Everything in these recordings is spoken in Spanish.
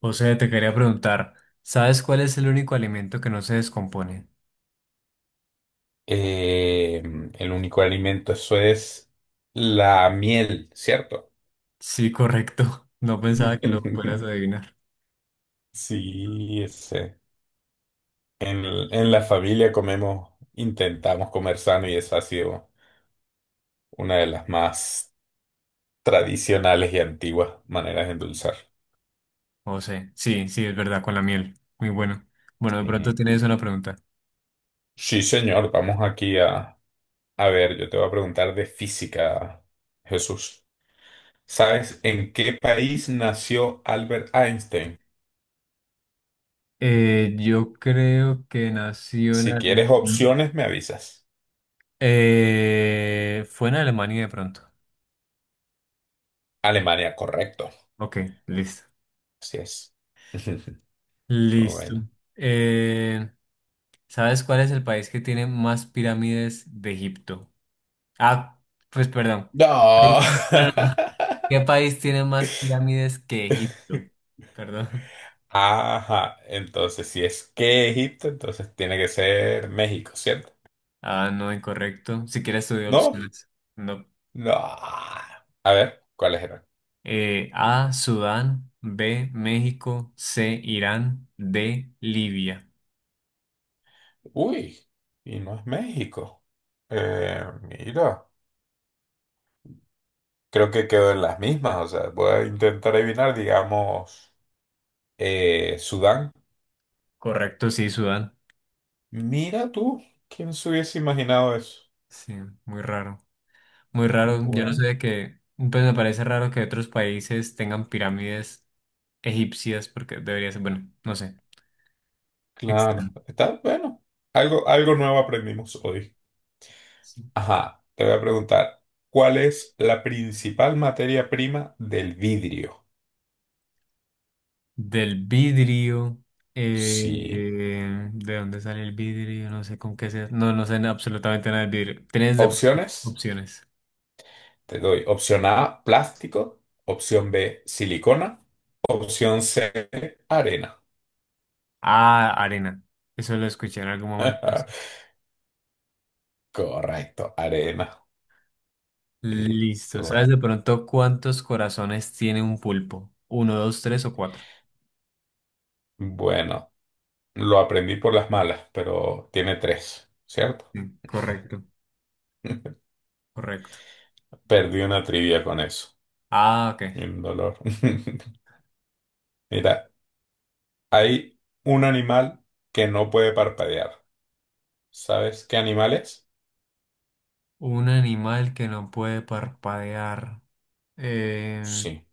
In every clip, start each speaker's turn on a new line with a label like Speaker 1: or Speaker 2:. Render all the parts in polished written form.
Speaker 1: José, te quería preguntar, ¿sabes cuál es el único alimento que no se descompone?
Speaker 2: Eh, el único alimento, eso es la miel, ¿cierto?
Speaker 1: Sí, correcto. No pensaba que lo fueras a adivinar.
Speaker 2: Sí, ese. En, en la familia comemos, intentamos comer sano y esa ha sido una de las más tradicionales y antiguas maneras de endulzar.
Speaker 1: José, sí, sí, es verdad, con la miel. Muy bueno. Bueno, de pronto
Speaker 2: Sí,
Speaker 1: tienes una pregunta.
Speaker 2: sí, señor, a ver, yo te voy a preguntar de física, Jesús. ¿Sabes en qué país nació Albert Einstein?
Speaker 1: Yo creo que nació en
Speaker 2: Si quieres
Speaker 1: Alemania.
Speaker 2: opciones, me avisas.
Speaker 1: Fue en Alemania de pronto.
Speaker 2: Alemania, correcto.
Speaker 1: Ok, listo.
Speaker 2: Así es.
Speaker 1: Listo.
Speaker 2: Bueno.
Speaker 1: Eh, ¿Sabes cuál es el país que tiene más pirámides de Egipto? Ah, pues perdón.
Speaker 2: No.
Speaker 1: ¿Qué país tiene más pirámides que Egipto? Perdón.
Speaker 2: Ajá. Entonces, si es que Egipto, entonces tiene que ser México, ¿cierto?
Speaker 1: Ah, no, incorrecto. Si quieres, estudiar
Speaker 2: No.
Speaker 1: opciones. No.
Speaker 2: No. A ver, ¿cuáles eran?
Speaker 1: A, Sudán. B, México. C, Irán. D, Libia.
Speaker 2: Uy, y no es México. Mira, creo que quedó en las mismas. O sea, voy a intentar adivinar, digamos, Sudán.
Speaker 1: Correcto, sí, Sudán.
Speaker 2: Mira tú, ¿quién se hubiese imaginado eso?
Speaker 1: Sí, muy raro. Muy raro. Yo no
Speaker 2: Bueno.
Speaker 1: sabía que... Pues me parece raro que otros países tengan pirámides egipcias porque debería ser... Bueno, no sé.
Speaker 2: Claro,
Speaker 1: Extraño.
Speaker 2: está bueno. Algo, algo nuevo aprendimos hoy.
Speaker 1: Sí.
Speaker 2: Ajá, te voy a preguntar, ¿cuál es la principal materia prima del vidrio?
Speaker 1: Del vidrio. eh,
Speaker 2: Sí.
Speaker 1: ¿De dónde sale el vidrio? No sé con qué se... No, no sé absolutamente nada del vidrio. Tienes de pronto
Speaker 2: Opciones,
Speaker 1: opciones.
Speaker 2: te doy. Opción A, plástico. Opción B, silicona. Opción C, arena.
Speaker 1: Ah, arena. Eso lo escuché en algún momento. No.
Speaker 2: Correcto, arena. Sí,
Speaker 1: Listo.
Speaker 2: tú ves.
Speaker 1: ¿Sabes de pronto cuántos corazones tiene un pulpo? ¿Uno, dos, tres o cuatro?
Speaker 2: Bueno, lo aprendí por las malas, pero tiene tres, ¿cierto?
Speaker 1: Sí, correcto, correcto.
Speaker 2: Perdí una trivia con eso.
Speaker 1: Ah,
Speaker 2: Y
Speaker 1: ok.
Speaker 2: un dolor. Mira, hay un animal que no puede parpadear. ¿Sabes qué animal es?
Speaker 1: Un animal que no puede parpadear. Eh,
Speaker 2: Sí.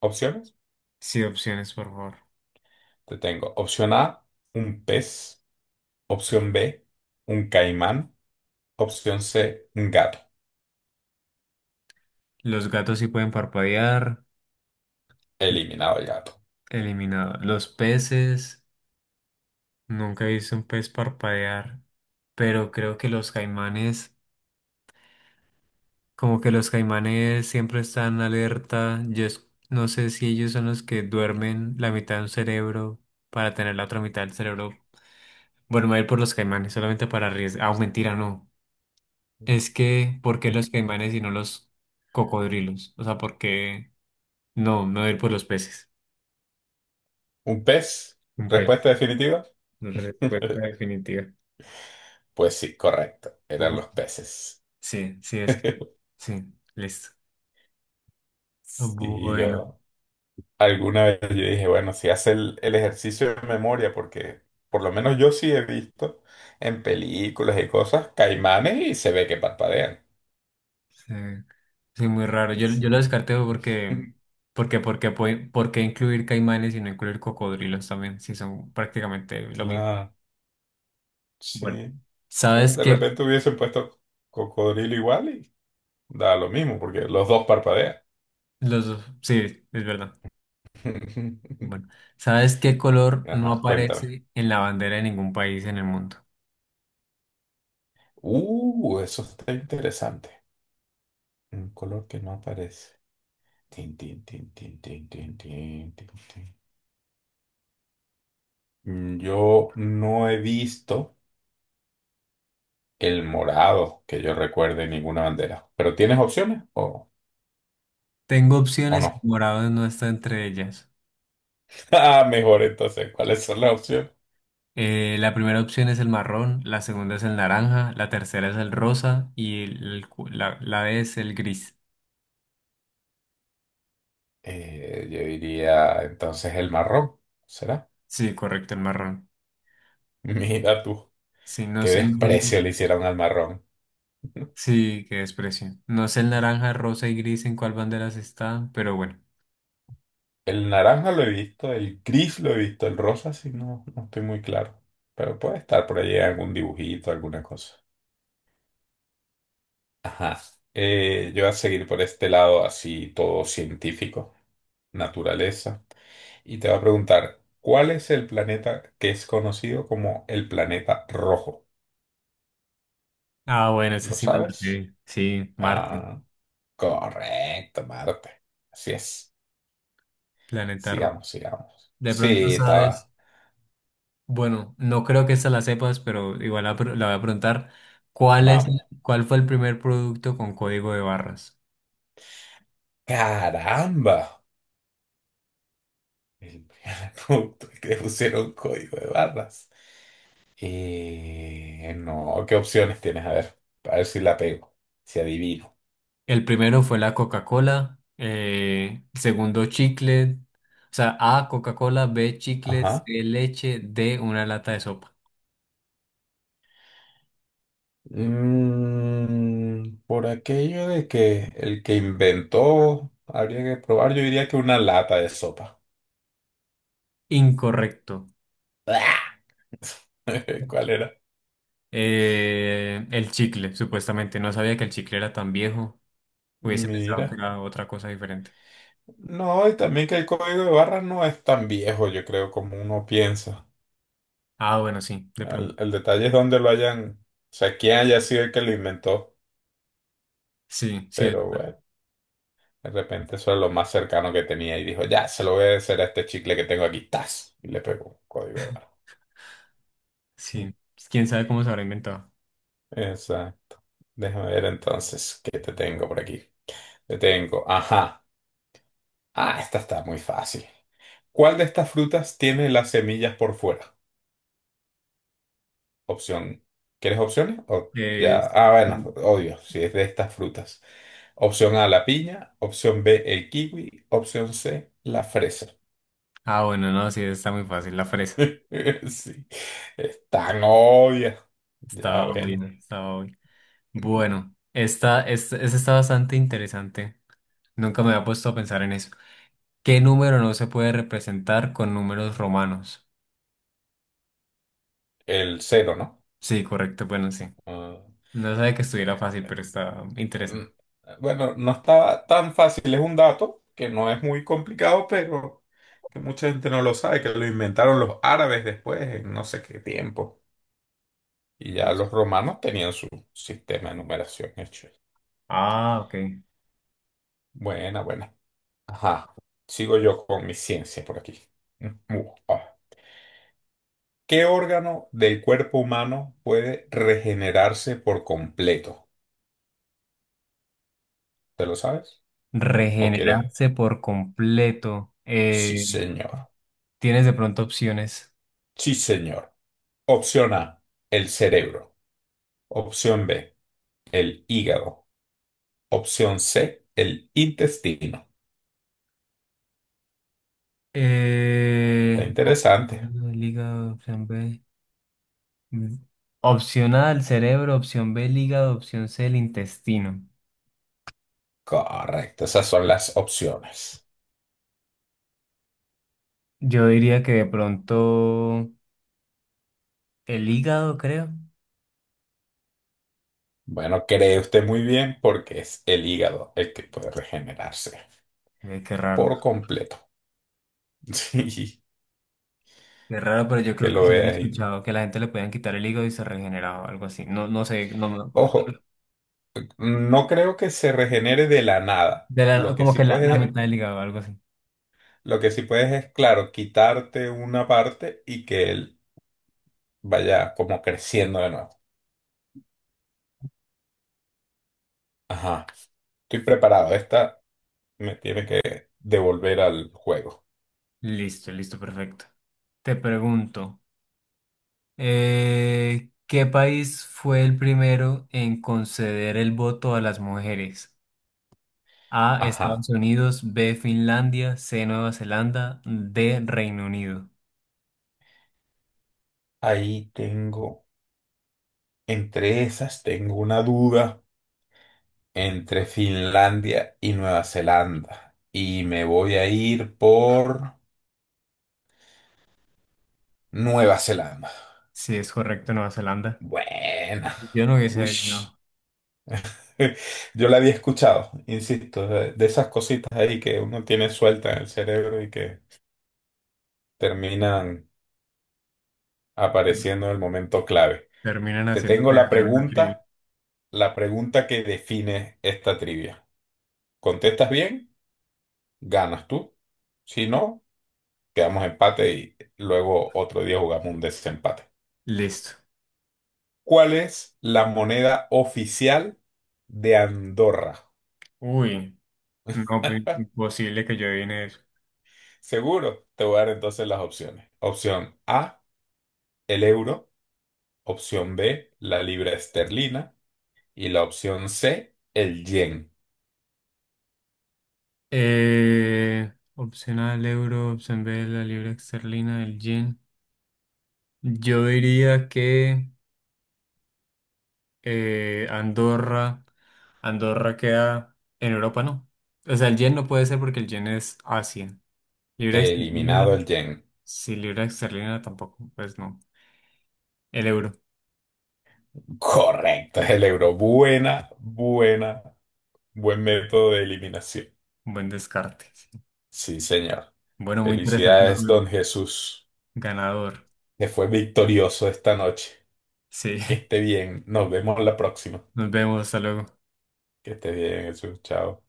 Speaker 2: Opciones.
Speaker 1: sí, opciones, por favor.
Speaker 2: Te tengo. Opción A, un pez. Opción B, un caimán. Opción C, un gato.
Speaker 1: Los gatos sí pueden parpadear.
Speaker 2: Eliminado el gato.
Speaker 1: Eliminado. Los peces, nunca he visto un pez parpadear, pero creo que los caimanes, como que los caimanes siempre están alerta. No sé si ellos son los que duermen la mitad de un cerebro para tener la otra mitad del cerebro. Bueno, me voy a ir por los caimanes, solamente para arriesgar. Ah, mentira, no. Es que, ¿por qué los caimanes y no los cocodrilos? O sea, ¿por qué? No, me voy a ir por los peces.
Speaker 2: ¿Un pez?
Speaker 1: Un pez.
Speaker 2: ¿Respuesta definitiva?
Speaker 1: La respuesta definitiva.
Speaker 2: Pues sí, correcto. Eran los peces.
Speaker 1: Sí, sí, es que. Sí, listo.
Speaker 2: Sí,
Speaker 1: Bueno,
Speaker 2: yo. Alguna vez yo dije, bueno, si hace el ejercicio de memoria, porque por lo menos yo sí he visto en películas y cosas caimanes y se ve que parpadean.
Speaker 1: sí, sí, muy raro. Yo lo
Speaker 2: Sí.
Speaker 1: descarté porque, porque, porque, puede- ¿por qué incluir caimanes y no incluir cocodrilos también? Si son prácticamente lo mismo.
Speaker 2: Claro, sí.
Speaker 1: Bueno, ¿sabes
Speaker 2: De
Speaker 1: qué?
Speaker 2: repente hubiesen puesto cocodrilo igual y da lo mismo, porque los dos parpadean.
Speaker 1: Los dos, sí, es verdad. Bueno, ¿sabes qué color no
Speaker 2: Ajá, cuéntame.
Speaker 1: aparece en la bandera de ningún país en el mundo?
Speaker 2: Eso está interesante. Un color que no aparece. Tin, tin, tin, tin, tin, tin, tin, tin, tin. Yo no he visto. El morado, que yo recuerde ninguna bandera. ¿Pero tienes opciones
Speaker 1: Tengo
Speaker 2: o
Speaker 1: opciones
Speaker 2: no?
Speaker 1: y morado no está entre ellas.
Speaker 2: Ah, mejor entonces, ¿cuáles son las opciones?
Speaker 1: La primera opción es el marrón, la segunda es el naranja, la tercera es el rosa y la D es el gris.
Speaker 2: Yo diría entonces el marrón, ¿será?
Speaker 1: Sí, correcto, el marrón.
Speaker 2: Mira tú,
Speaker 1: Sí, no
Speaker 2: qué
Speaker 1: sé el gris.
Speaker 2: desprecio le hicieron al marrón.
Speaker 1: Sí, qué desprecio. No sé el naranja, rosa y gris en cuál banderas están, pero bueno.
Speaker 2: El naranja lo he visto, el gris lo he visto, el rosa sí, no, no estoy muy claro. Pero puede estar por allí algún dibujito, alguna cosa. Ajá. Yo voy a seguir por este lado así todo científico. Naturaleza. Y te va a preguntar, ¿cuál es el planeta que es conocido como el planeta rojo?
Speaker 1: Ah, bueno, esa
Speaker 2: ¿Lo
Speaker 1: sí me lo
Speaker 2: sabes?
Speaker 1: sé. Sí, Marte,
Speaker 2: Ah, correcto, Marte. Así es.
Speaker 1: planeta rojo.
Speaker 2: Sigamos, sigamos.
Speaker 1: De pronto
Speaker 2: Sí, estaba.
Speaker 1: sabes, bueno, no creo que esta la sepas, pero igual la voy a preguntar. ¿Cuál es,
Speaker 2: Vamos.
Speaker 1: ¿cuál fue el primer producto con código de barras?
Speaker 2: ¡Caramba! El punto que le pusieron código de barras. No, ¿qué opciones tienes? A ver si la pego, si adivino.
Speaker 1: El primero fue la Coca-Cola, el segundo chicle, o sea, A, Coca-Cola, B, chicle, C,
Speaker 2: Ajá.
Speaker 1: leche, D, una lata de sopa.
Speaker 2: Mm, por aquello de que el que inventó habría que probar, yo diría que una lata de sopa.
Speaker 1: Incorrecto.
Speaker 2: ¿Cuál era?
Speaker 1: El chicle, supuestamente. No sabía que el chicle era tan viejo. Hubiese pensado que
Speaker 2: Mira.
Speaker 1: era otra cosa diferente.
Speaker 2: No, y también que el código de barras no es tan viejo, yo creo, como uno piensa.
Speaker 1: Ah, bueno, sí, de pronto.
Speaker 2: El detalle es dónde lo hayan, o sea, quién haya sido el que lo inventó.
Speaker 1: Sí, sí, de
Speaker 2: Pero
Speaker 1: pronto,
Speaker 2: bueno, de repente eso es lo más cercano que tenía y dijo, ya, se lo voy a hacer a este chicle que tengo aquí, ¡tas! Y le pegó código de barras.
Speaker 1: sí. ¿Quién sabe cómo se habrá inventado?
Speaker 2: Exacto. Déjame ver entonces qué te tengo por aquí. Te tengo, ajá. Ah, esta está muy fácil. ¿Cuál de estas frutas tiene las semillas por fuera? Opción. ¿Quieres opciones? O
Speaker 1: Eh,
Speaker 2: ya. Ah, bueno, odio si es de estas frutas. Opción A, la piña. Opción B, el kiwi. Opción C, la fresa.
Speaker 1: ah, bueno, no, sí, está muy fácil. La fresa.
Speaker 2: Sí. Es tan obvia. Ya,
Speaker 1: Estaba
Speaker 2: bueno.
Speaker 1: bien, estaba bien. Bueno, esta está bastante interesante. Nunca me había puesto a pensar en eso. ¿Qué número no se puede representar con números romanos?
Speaker 2: El cero, ¿no?
Speaker 1: Sí, correcto, bueno, sí.
Speaker 2: Ah,
Speaker 1: No sabía que estuviera fácil, pero está interesante.
Speaker 2: mm, bueno, no estaba tan fácil, es un dato que no es muy complicado, pero que mucha gente no lo sabe, que lo inventaron los árabes después, en no sé qué tiempo. Y ya los
Speaker 1: Dos.
Speaker 2: romanos tenían su sistema de numeración hecho.
Speaker 1: Ah, ok.
Speaker 2: Buena, buena. Ajá. Sigo yo con mi ciencia por aquí. Mm, uh, ah. ¿Qué órgano del cuerpo humano puede regenerarse por completo? ¿Te lo sabes? ¿O quieres?
Speaker 1: Regenerarse por completo.
Speaker 2: Sí, señor.
Speaker 1: ¿Tienes de pronto opciones?
Speaker 2: Sí, señor. Opción A, el cerebro. Opción B, el hígado. Opción C, el intestino. Está
Speaker 1: Opción
Speaker 2: interesante.
Speaker 1: A, el hígado, opción B. Mm. Opción A, el cerebro, opción B, el hígado, opción C, el intestino.
Speaker 2: Correcto, esas son las opciones.
Speaker 1: Yo diría que de pronto el hígado, creo.
Speaker 2: Bueno, cree usted muy bien porque es el hígado el que puede regenerarse
Speaker 1: Qué raro.
Speaker 2: por completo. Sí,
Speaker 1: Qué raro, pero
Speaker 2: hay
Speaker 1: yo creo
Speaker 2: que
Speaker 1: que
Speaker 2: lo
Speaker 1: sí había
Speaker 2: vea ahí.
Speaker 1: escuchado que la gente le podían quitar el hígado y se regeneraba o algo así. No, no sé, no me acuerdo.
Speaker 2: Ojo, no creo que se regenere de la nada.
Speaker 1: Como que la mitad del hígado, algo así.
Speaker 2: Lo que sí puedes es, claro, quitarte una parte y que él vaya como creciendo de nuevo. Ajá, estoy preparado. Esta me tiene que devolver al juego.
Speaker 1: Listo, listo, perfecto. Te pregunto, ¿qué país fue el primero en conceder el voto a las mujeres? A, Estados
Speaker 2: Ajá,
Speaker 1: Unidos, B, Finlandia, C, Nueva Zelanda, D, Reino Unido.
Speaker 2: ahí tengo, entre esas tengo una duda entre Finlandia y Nueva Zelanda. Y me voy a ir por Nueva Zelanda.
Speaker 1: Si es correcto, Nueva Zelanda.
Speaker 2: Buena.
Speaker 1: Yo no hubiese
Speaker 2: Ush.
Speaker 1: adivinado.
Speaker 2: Yo la había escuchado, insisto, de esas cositas ahí que uno tiene suelta en el cerebro y que terminan apareciendo en el momento clave.
Speaker 1: Terminan
Speaker 2: Te
Speaker 1: haciendo
Speaker 2: tengo
Speaker 1: que ganar una trivia.
Speaker 2: la pregunta que define esta trivia. Contestas bien, ganas tú. Si no, quedamos empate y luego otro día jugamos un desempate.
Speaker 1: Listo.
Speaker 2: ¿Cuál es la moneda oficial de Andorra?
Speaker 1: Uy, no, pues imposible que yo adivine eso.
Speaker 2: Seguro, te voy a dar entonces las opciones. Opción A, el euro. Opción B, la libra esterlina. Y la opción C, el yen.
Speaker 1: Opción A, el euro, opción B, la libra esterlina, el yen. Yo diría que eh, Andorra, Andorra queda en Europa, ¿no? O sea, el yen no puede ser porque el yen es Asia. Libra esterlina,
Speaker 2: Eliminado el yen.
Speaker 1: sí, libra esterlina tampoco, pues no. El euro,
Speaker 2: Correcto, es el euro. Buena, buena, buen método de eliminación.
Speaker 1: buen descarte. Sí.
Speaker 2: Sí, señor.
Speaker 1: Bueno, muy interesante el
Speaker 2: Felicidades, don
Speaker 1: juego.
Speaker 2: Jesús,
Speaker 1: Ganador.
Speaker 2: que fue victorioso esta noche.
Speaker 1: Sí,
Speaker 2: Que esté bien. Nos vemos la próxima.
Speaker 1: nos vemos, hasta luego.
Speaker 2: Que esté bien, Jesús. Chao.